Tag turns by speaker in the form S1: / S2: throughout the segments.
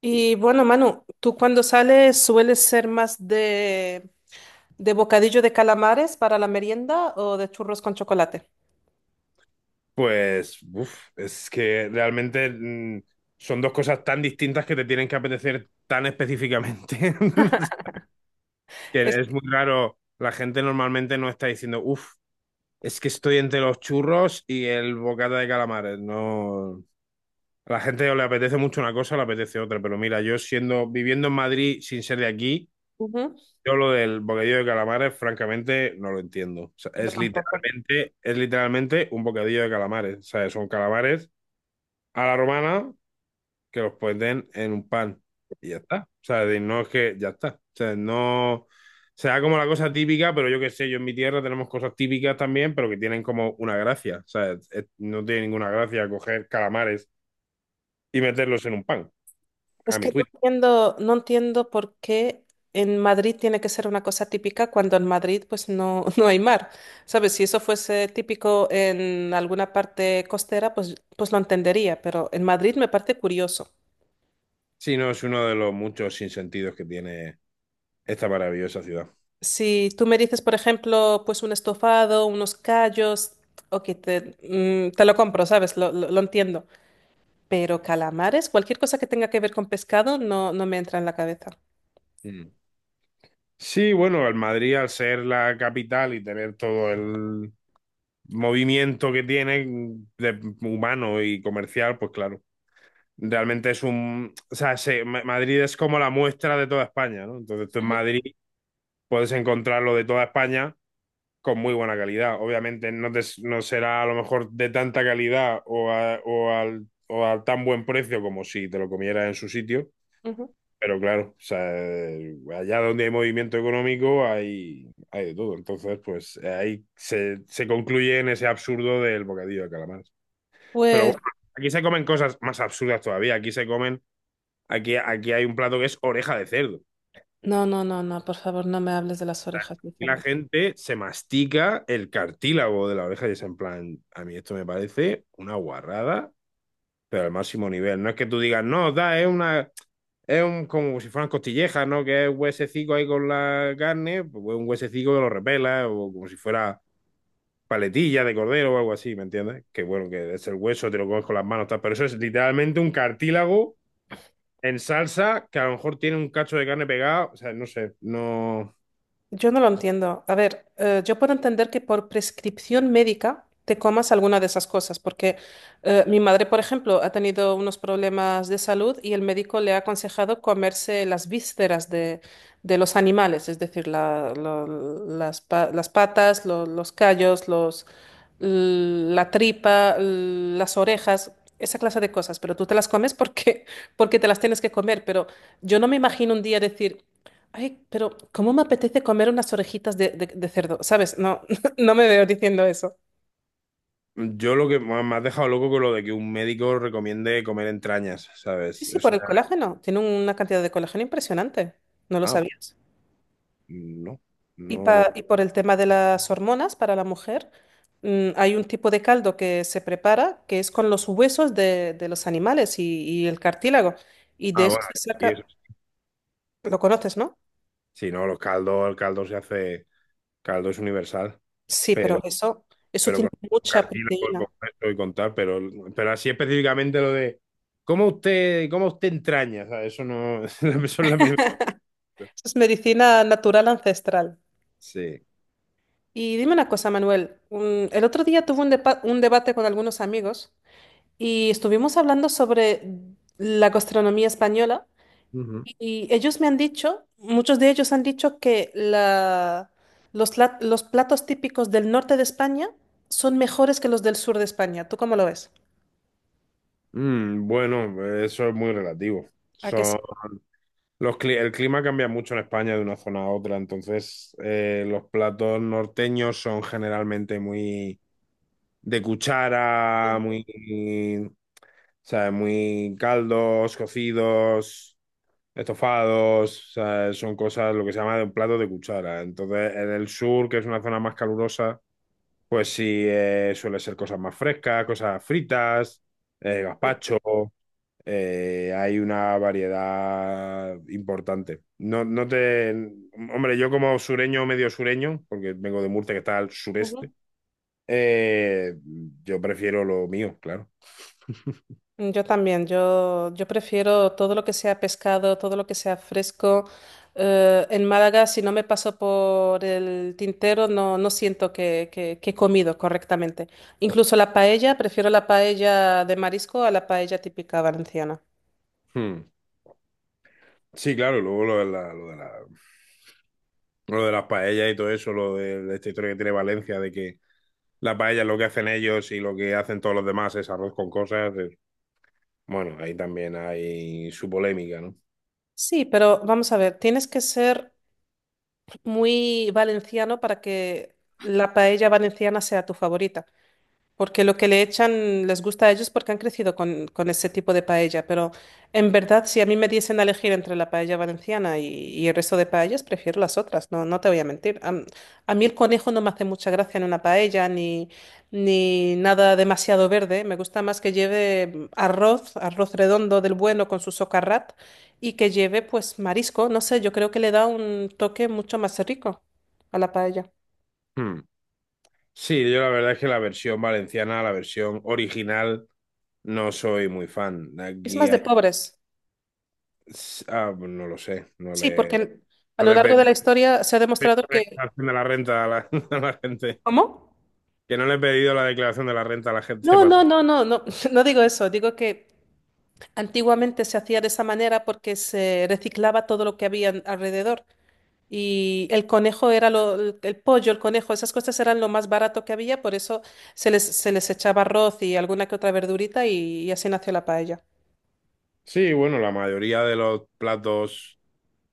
S1: Y bueno, Manu, ¿tú cuando sales sueles ser más de bocadillo de calamares para la merienda o de churros con chocolate?
S2: Pues, uf, es que realmente son dos cosas tan distintas que te tienen que apetecer tan específicamente.
S1: Es,
S2: Que es muy raro. La gente normalmente no está diciendo, uff, es que estoy entre los churros y el bocata de calamares. No. A la gente o le apetece mucho una cosa o le apetece otra. Pero mira, viviendo en Madrid sin ser de aquí,
S1: ujú.
S2: yo lo del bocadillo de calamares, francamente, no lo entiendo. O sea,
S1: Yo tampoco.
S2: es literalmente un bocadillo de calamares. O sea, son calamares a la romana que los ponen en un pan y ya está. O sea, no es que ya está. O sea, no sea como la cosa típica, pero yo qué sé, yo en mi tierra tenemos cosas típicas también, pero que tienen como una gracia. O sea, no tiene ninguna gracia coger calamares y meterlos en un pan,
S1: Es
S2: a mi
S1: que no
S2: juicio.
S1: entiendo, no entiendo por qué en Madrid tiene que ser una cosa típica cuando en Madrid pues no, no hay mar. ¿Sabes? Si eso fuese típico en alguna parte costera, pues, pues lo entendería, pero en Madrid me parece curioso.
S2: Si no, es uno de los muchos sinsentidos que tiene esta maravillosa ciudad.
S1: Si tú me dices, por ejemplo, pues un estofado, unos callos, ok, te, te lo compro, ¿sabes? Lo entiendo. Pero calamares, cualquier cosa que tenga que ver con pescado, no, no me entra en la cabeza.
S2: Mm. Sí, bueno, el Madrid al ser la capital y tener todo el movimiento que tiene de humano y comercial, pues claro, realmente o sea, Madrid es como la muestra de toda España, ¿no? Entonces tú en
S1: Ujú,
S2: Madrid puedes encontrar lo de toda España con muy buena calidad. Obviamente no, no será a lo mejor de tanta calidad o al tan buen precio como si te lo comieras en su sitio,
S1: ujú.
S2: pero claro, o sea, allá donde hay movimiento económico hay, hay de todo. Entonces, pues ahí se concluye en ese absurdo del bocadillo de calamar. Pero bueno,
S1: Pues,
S2: aquí se comen cosas más absurdas todavía. Aquí se comen, aquí hay un plato que es oreja de cerdo.
S1: no, no, no, no, por favor, no me hables de las orejas de
S2: Y la
S1: cerdo.
S2: gente se mastica el cartílago de la oreja y es en plan, a mí esto me parece una guarrada pero al máximo nivel. No es que tú digas, no, da, es una. Es un, como si fueran costillejas, ¿no? Que es un huesecico ahí con la carne, pues un huesecico que lo repela, o como si fuera paletilla de cordero o algo así, ¿me entiendes? Que bueno, que es el hueso, te lo comes con las manos, tal, pero eso es literalmente un cartílago en salsa que a lo mejor tiene un cacho de carne pegado, o sea, no sé, no...
S1: Yo no lo entiendo. A ver, yo puedo entender que por prescripción médica te comas alguna de esas cosas, porque mi madre, por ejemplo, ha tenido unos problemas de salud y el médico le ha aconsejado comerse las vísceras de los animales, es decir, las patas, los callos, los, la tripa, las orejas. Esa clase de cosas, pero tú te las comes porque, porque te las tienes que comer, pero yo no me imagino un día decir, ay, pero ¿cómo me apetece comer unas orejitas de cerdo? ¿Sabes? No, no me veo diciendo eso.
S2: Yo lo que me has dejado loco con lo de que un médico recomiende comer entrañas,
S1: Sí,
S2: ¿sabes?
S1: sí, por
S2: Eso...
S1: el colágeno. Tiene una cantidad de colágeno impresionante. ¿No lo
S2: Ah,
S1: sabías?
S2: no,
S1: Y,
S2: no...
S1: y por el tema de las hormonas para la mujer, mm, hay un tipo de caldo que se prepara que es con los huesos de los animales y el cartílago. Y de
S2: Ah,
S1: eso
S2: bueno,
S1: se
S2: sí, eso.
S1: saca, lo conoces, ¿no?
S2: Si no, los caldos, el caldo se hace, caldo es universal,
S1: Sí,
S2: pero,
S1: pero eso
S2: pero
S1: tiene
S2: con
S1: mucha
S2: cartílago y con
S1: proteína.
S2: esto y con tal, pero así específicamente lo de cómo usted entraña, o eso no, eso es la primera.
S1: Eso es medicina natural ancestral.
S2: Sí.
S1: Y dime una cosa, Manuel. El otro día tuve un debate con algunos amigos y estuvimos hablando sobre la gastronomía española
S2: Ujú.
S1: y ellos me han dicho, muchos de ellos han dicho que los platos típicos del norte de España son mejores que los del sur de España. ¿Tú cómo lo ves?
S2: Mm, bueno, eso es muy relativo.
S1: ¿A que sí?
S2: Son los el clima cambia mucho en España de una zona a otra, entonces los platos norteños son generalmente muy de cuchara, muy, ¿sabes? Muy caldos, cocidos, estofados, ¿sabes? Son cosas, lo que se llama de un plato de cuchara. Entonces, en el sur, que es una zona más calurosa, pues sí, suele ser cosas más frescas, cosas fritas, gazpacho, hay una variedad importante. No, no te. Hombre, yo como sureño, medio sureño, porque vengo de Murcia, que está al sureste, eh, yo prefiero lo mío, claro.
S1: Mm, yo también, yo prefiero todo lo que sea pescado, todo lo que sea fresco. En Málaga, si no me paso por el tintero, no, no siento que he comido correctamente. Incluso la paella, prefiero la paella de marisco a la paella típica valenciana.
S2: Hmm. Sí, claro, y luego lo de las paellas y todo eso, de esta historia que tiene Valencia, de que las paellas lo que hacen ellos y lo que hacen todos los demás es arroz con cosas. Bueno, ahí también hay su polémica, ¿no?
S1: Sí, pero vamos a ver, tienes que ser muy valenciano para que la paella valenciana sea tu favorita. Porque lo que le echan les gusta a ellos porque han crecido con ese tipo de paella. Pero en verdad, si a mí me diesen a elegir entre la paella valenciana y el resto de paellas, prefiero las otras. No, no te voy a mentir. A mí el conejo no me hace mucha gracia en una paella ni, ni nada demasiado verde. Me gusta más que lleve arroz, arroz redondo del bueno con su socarrat y que lleve pues marisco. No sé, yo creo que le da un toque mucho más rico a la paella.
S2: Hmm. Sí, yo la verdad es que la versión valenciana, la versión original, no soy muy fan.
S1: Es
S2: Aquí
S1: más de
S2: hay...
S1: pobres.
S2: Ah, pues no lo sé,
S1: Sí, porque a
S2: no
S1: lo
S2: le he
S1: largo
S2: pedido
S1: de la historia se ha demostrado
S2: la
S1: que...
S2: declaración de la renta a la, a la gente.
S1: ¿Cómo?
S2: Que no le he pedido la declaración de la renta a la gente
S1: No, no,
S2: pasada.
S1: no, no, no, no digo eso. Digo que antiguamente se hacía de esa manera porque se reciclaba todo lo que había alrededor. Y el conejo era lo, el pollo, el conejo, esas cosas eran lo más barato que había, por eso se les echaba arroz y alguna que otra verdurita y así nació la paella.
S2: Sí, bueno, la mayoría de los platos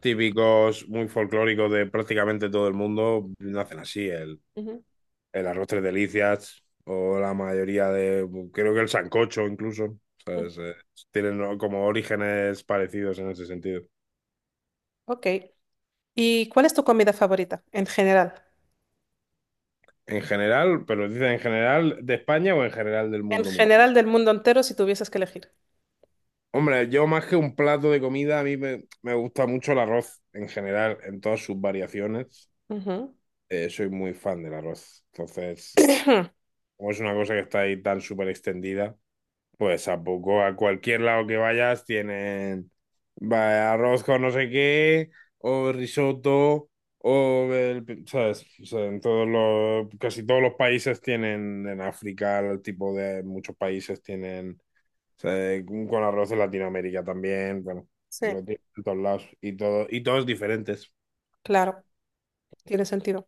S2: típicos, muy folclóricos de prácticamente todo el mundo, nacen así.
S1: Ujú,
S2: El arroz tres delicias o la mayoría de, creo que el sancocho incluso,
S1: ujú.
S2: ¿sabes? Tienen como orígenes parecidos en ese sentido.
S1: Ok. ¿Y cuál es tu comida favorita en general?
S2: En general, pero dicen en general de España o en general del
S1: En
S2: mundo.
S1: general del mundo entero, si tuvieses que elegir.
S2: Hombre, yo más que un plato de comida, me gusta mucho el arroz en general, en todas sus variaciones.
S1: Ujú.
S2: Soy muy fan del arroz. Entonces, como es una cosa que está ahí tan súper extendida, pues tampoco a cualquier lado que vayas tienen arroz con no sé qué, o risotto, ¿sabes? O sea, en todos los, casi todos los países tienen, en África, el tipo de muchos países tienen, o sea, con arroz en Latinoamérica también, bueno,
S1: Sí.
S2: lo tienen en todos lados, y todo, y todos diferentes.
S1: Claro, tiene sentido.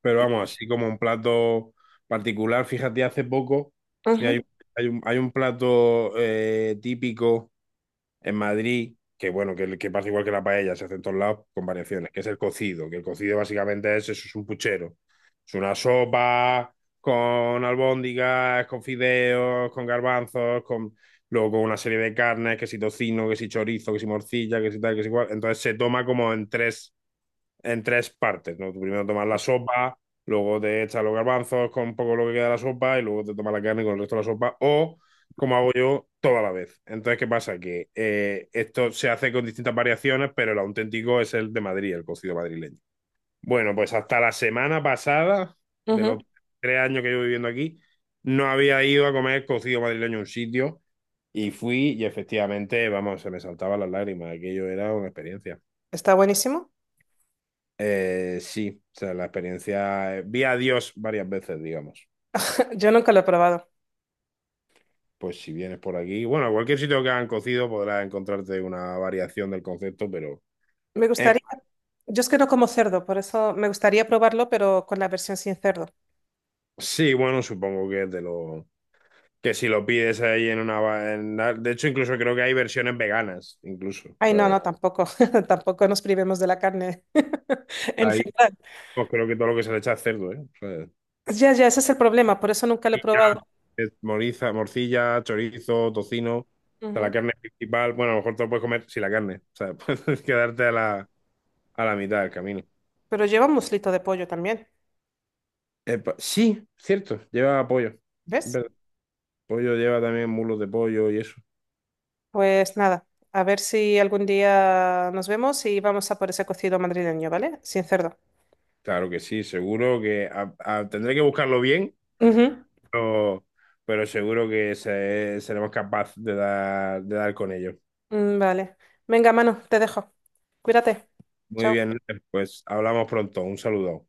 S2: Pero vamos, así como un plato particular, fíjate, hace poco, mira,
S1: Ujú,
S2: hay un plato típico en Madrid, que bueno, que pasa igual que la paella, se hace en todos lados con variaciones, que es el cocido, que el cocido básicamente es eso, es un puchero. Es una sopa con albóndigas, con fideos, con garbanzos, con luego con una serie de carnes, que si tocino, que si chorizo, que si morcilla, que si tal, que si cual. Entonces se toma como en tres partes, ¿no? Tú primero tomas la sopa, luego te echas los garbanzos con un poco lo que queda de la sopa y luego te tomas la carne con el resto de la sopa o como hago yo toda la vez. Entonces, ¿qué pasa? Que esto se hace con distintas variaciones, pero el auténtico es el de Madrid, el cocido madrileño. Bueno, pues hasta la semana pasada, de
S1: ujú.
S2: los 3 años que llevo viviendo aquí, no había ido a comer cocido madrileño a un sitio y fui y efectivamente, vamos, se me saltaban las lágrimas. Aquello era una experiencia.
S1: Está buenísimo.
S2: Sí, o sea, la experiencia. Vi a Dios varias veces, digamos.
S1: Yo nunca lo he probado.
S2: Pues si vienes por aquí, bueno, a cualquier sitio que hagan cocido podrás encontrarte una variación del concepto, pero
S1: Me
S2: em,
S1: gustaría, yo es que no como cerdo, por eso me gustaría probarlo, pero con la versión sin cerdo.
S2: sí, bueno, supongo que es de los que si lo pides ahí en una... de hecho, incluso creo que hay versiones veganas, incluso. O
S1: Ay, no,
S2: sea,
S1: no, tampoco, tampoco nos privemos de la carne en
S2: ahí
S1: general.
S2: pues creo que todo lo que se le echa es cerdo, ¿eh? O sea,
S1: Ya, ya, ese es el problema, por eso nunca lo he
S2: morcilla,
S1: probado.
S2: morcilla, chorizo, tocino, o sea, la
S1: Ujú.
S2: carne principal. Bueno, a lo mejor te lo puedes comer sin la carne. O sea, puedes quedarte a la mitad del camino.
S1: Pero lleva un muslito de pollo también,
S2: Epa, sí, cierto, lleva pollo. Es
S1: ¿ves?
S2: verdad. Pollo lleva también mulos de pollo y eso.
S1: Pues nada, a ver si algún día nos vemos y vamos a por ese cocido madrileño, ¿vale? Sin cerdo.
S2: Claro que sí, seguro que tendré que buscarlo bien,
S1: Ujú.
S2: pero, pero seguro que seremos capaces de dar con ello.
S1: Mm, vale. Venga, Manu, te dejo. Cuídate.
S2: Muy
S1: Chao.
S2: bien, pues hablamos pronto. Un saludo.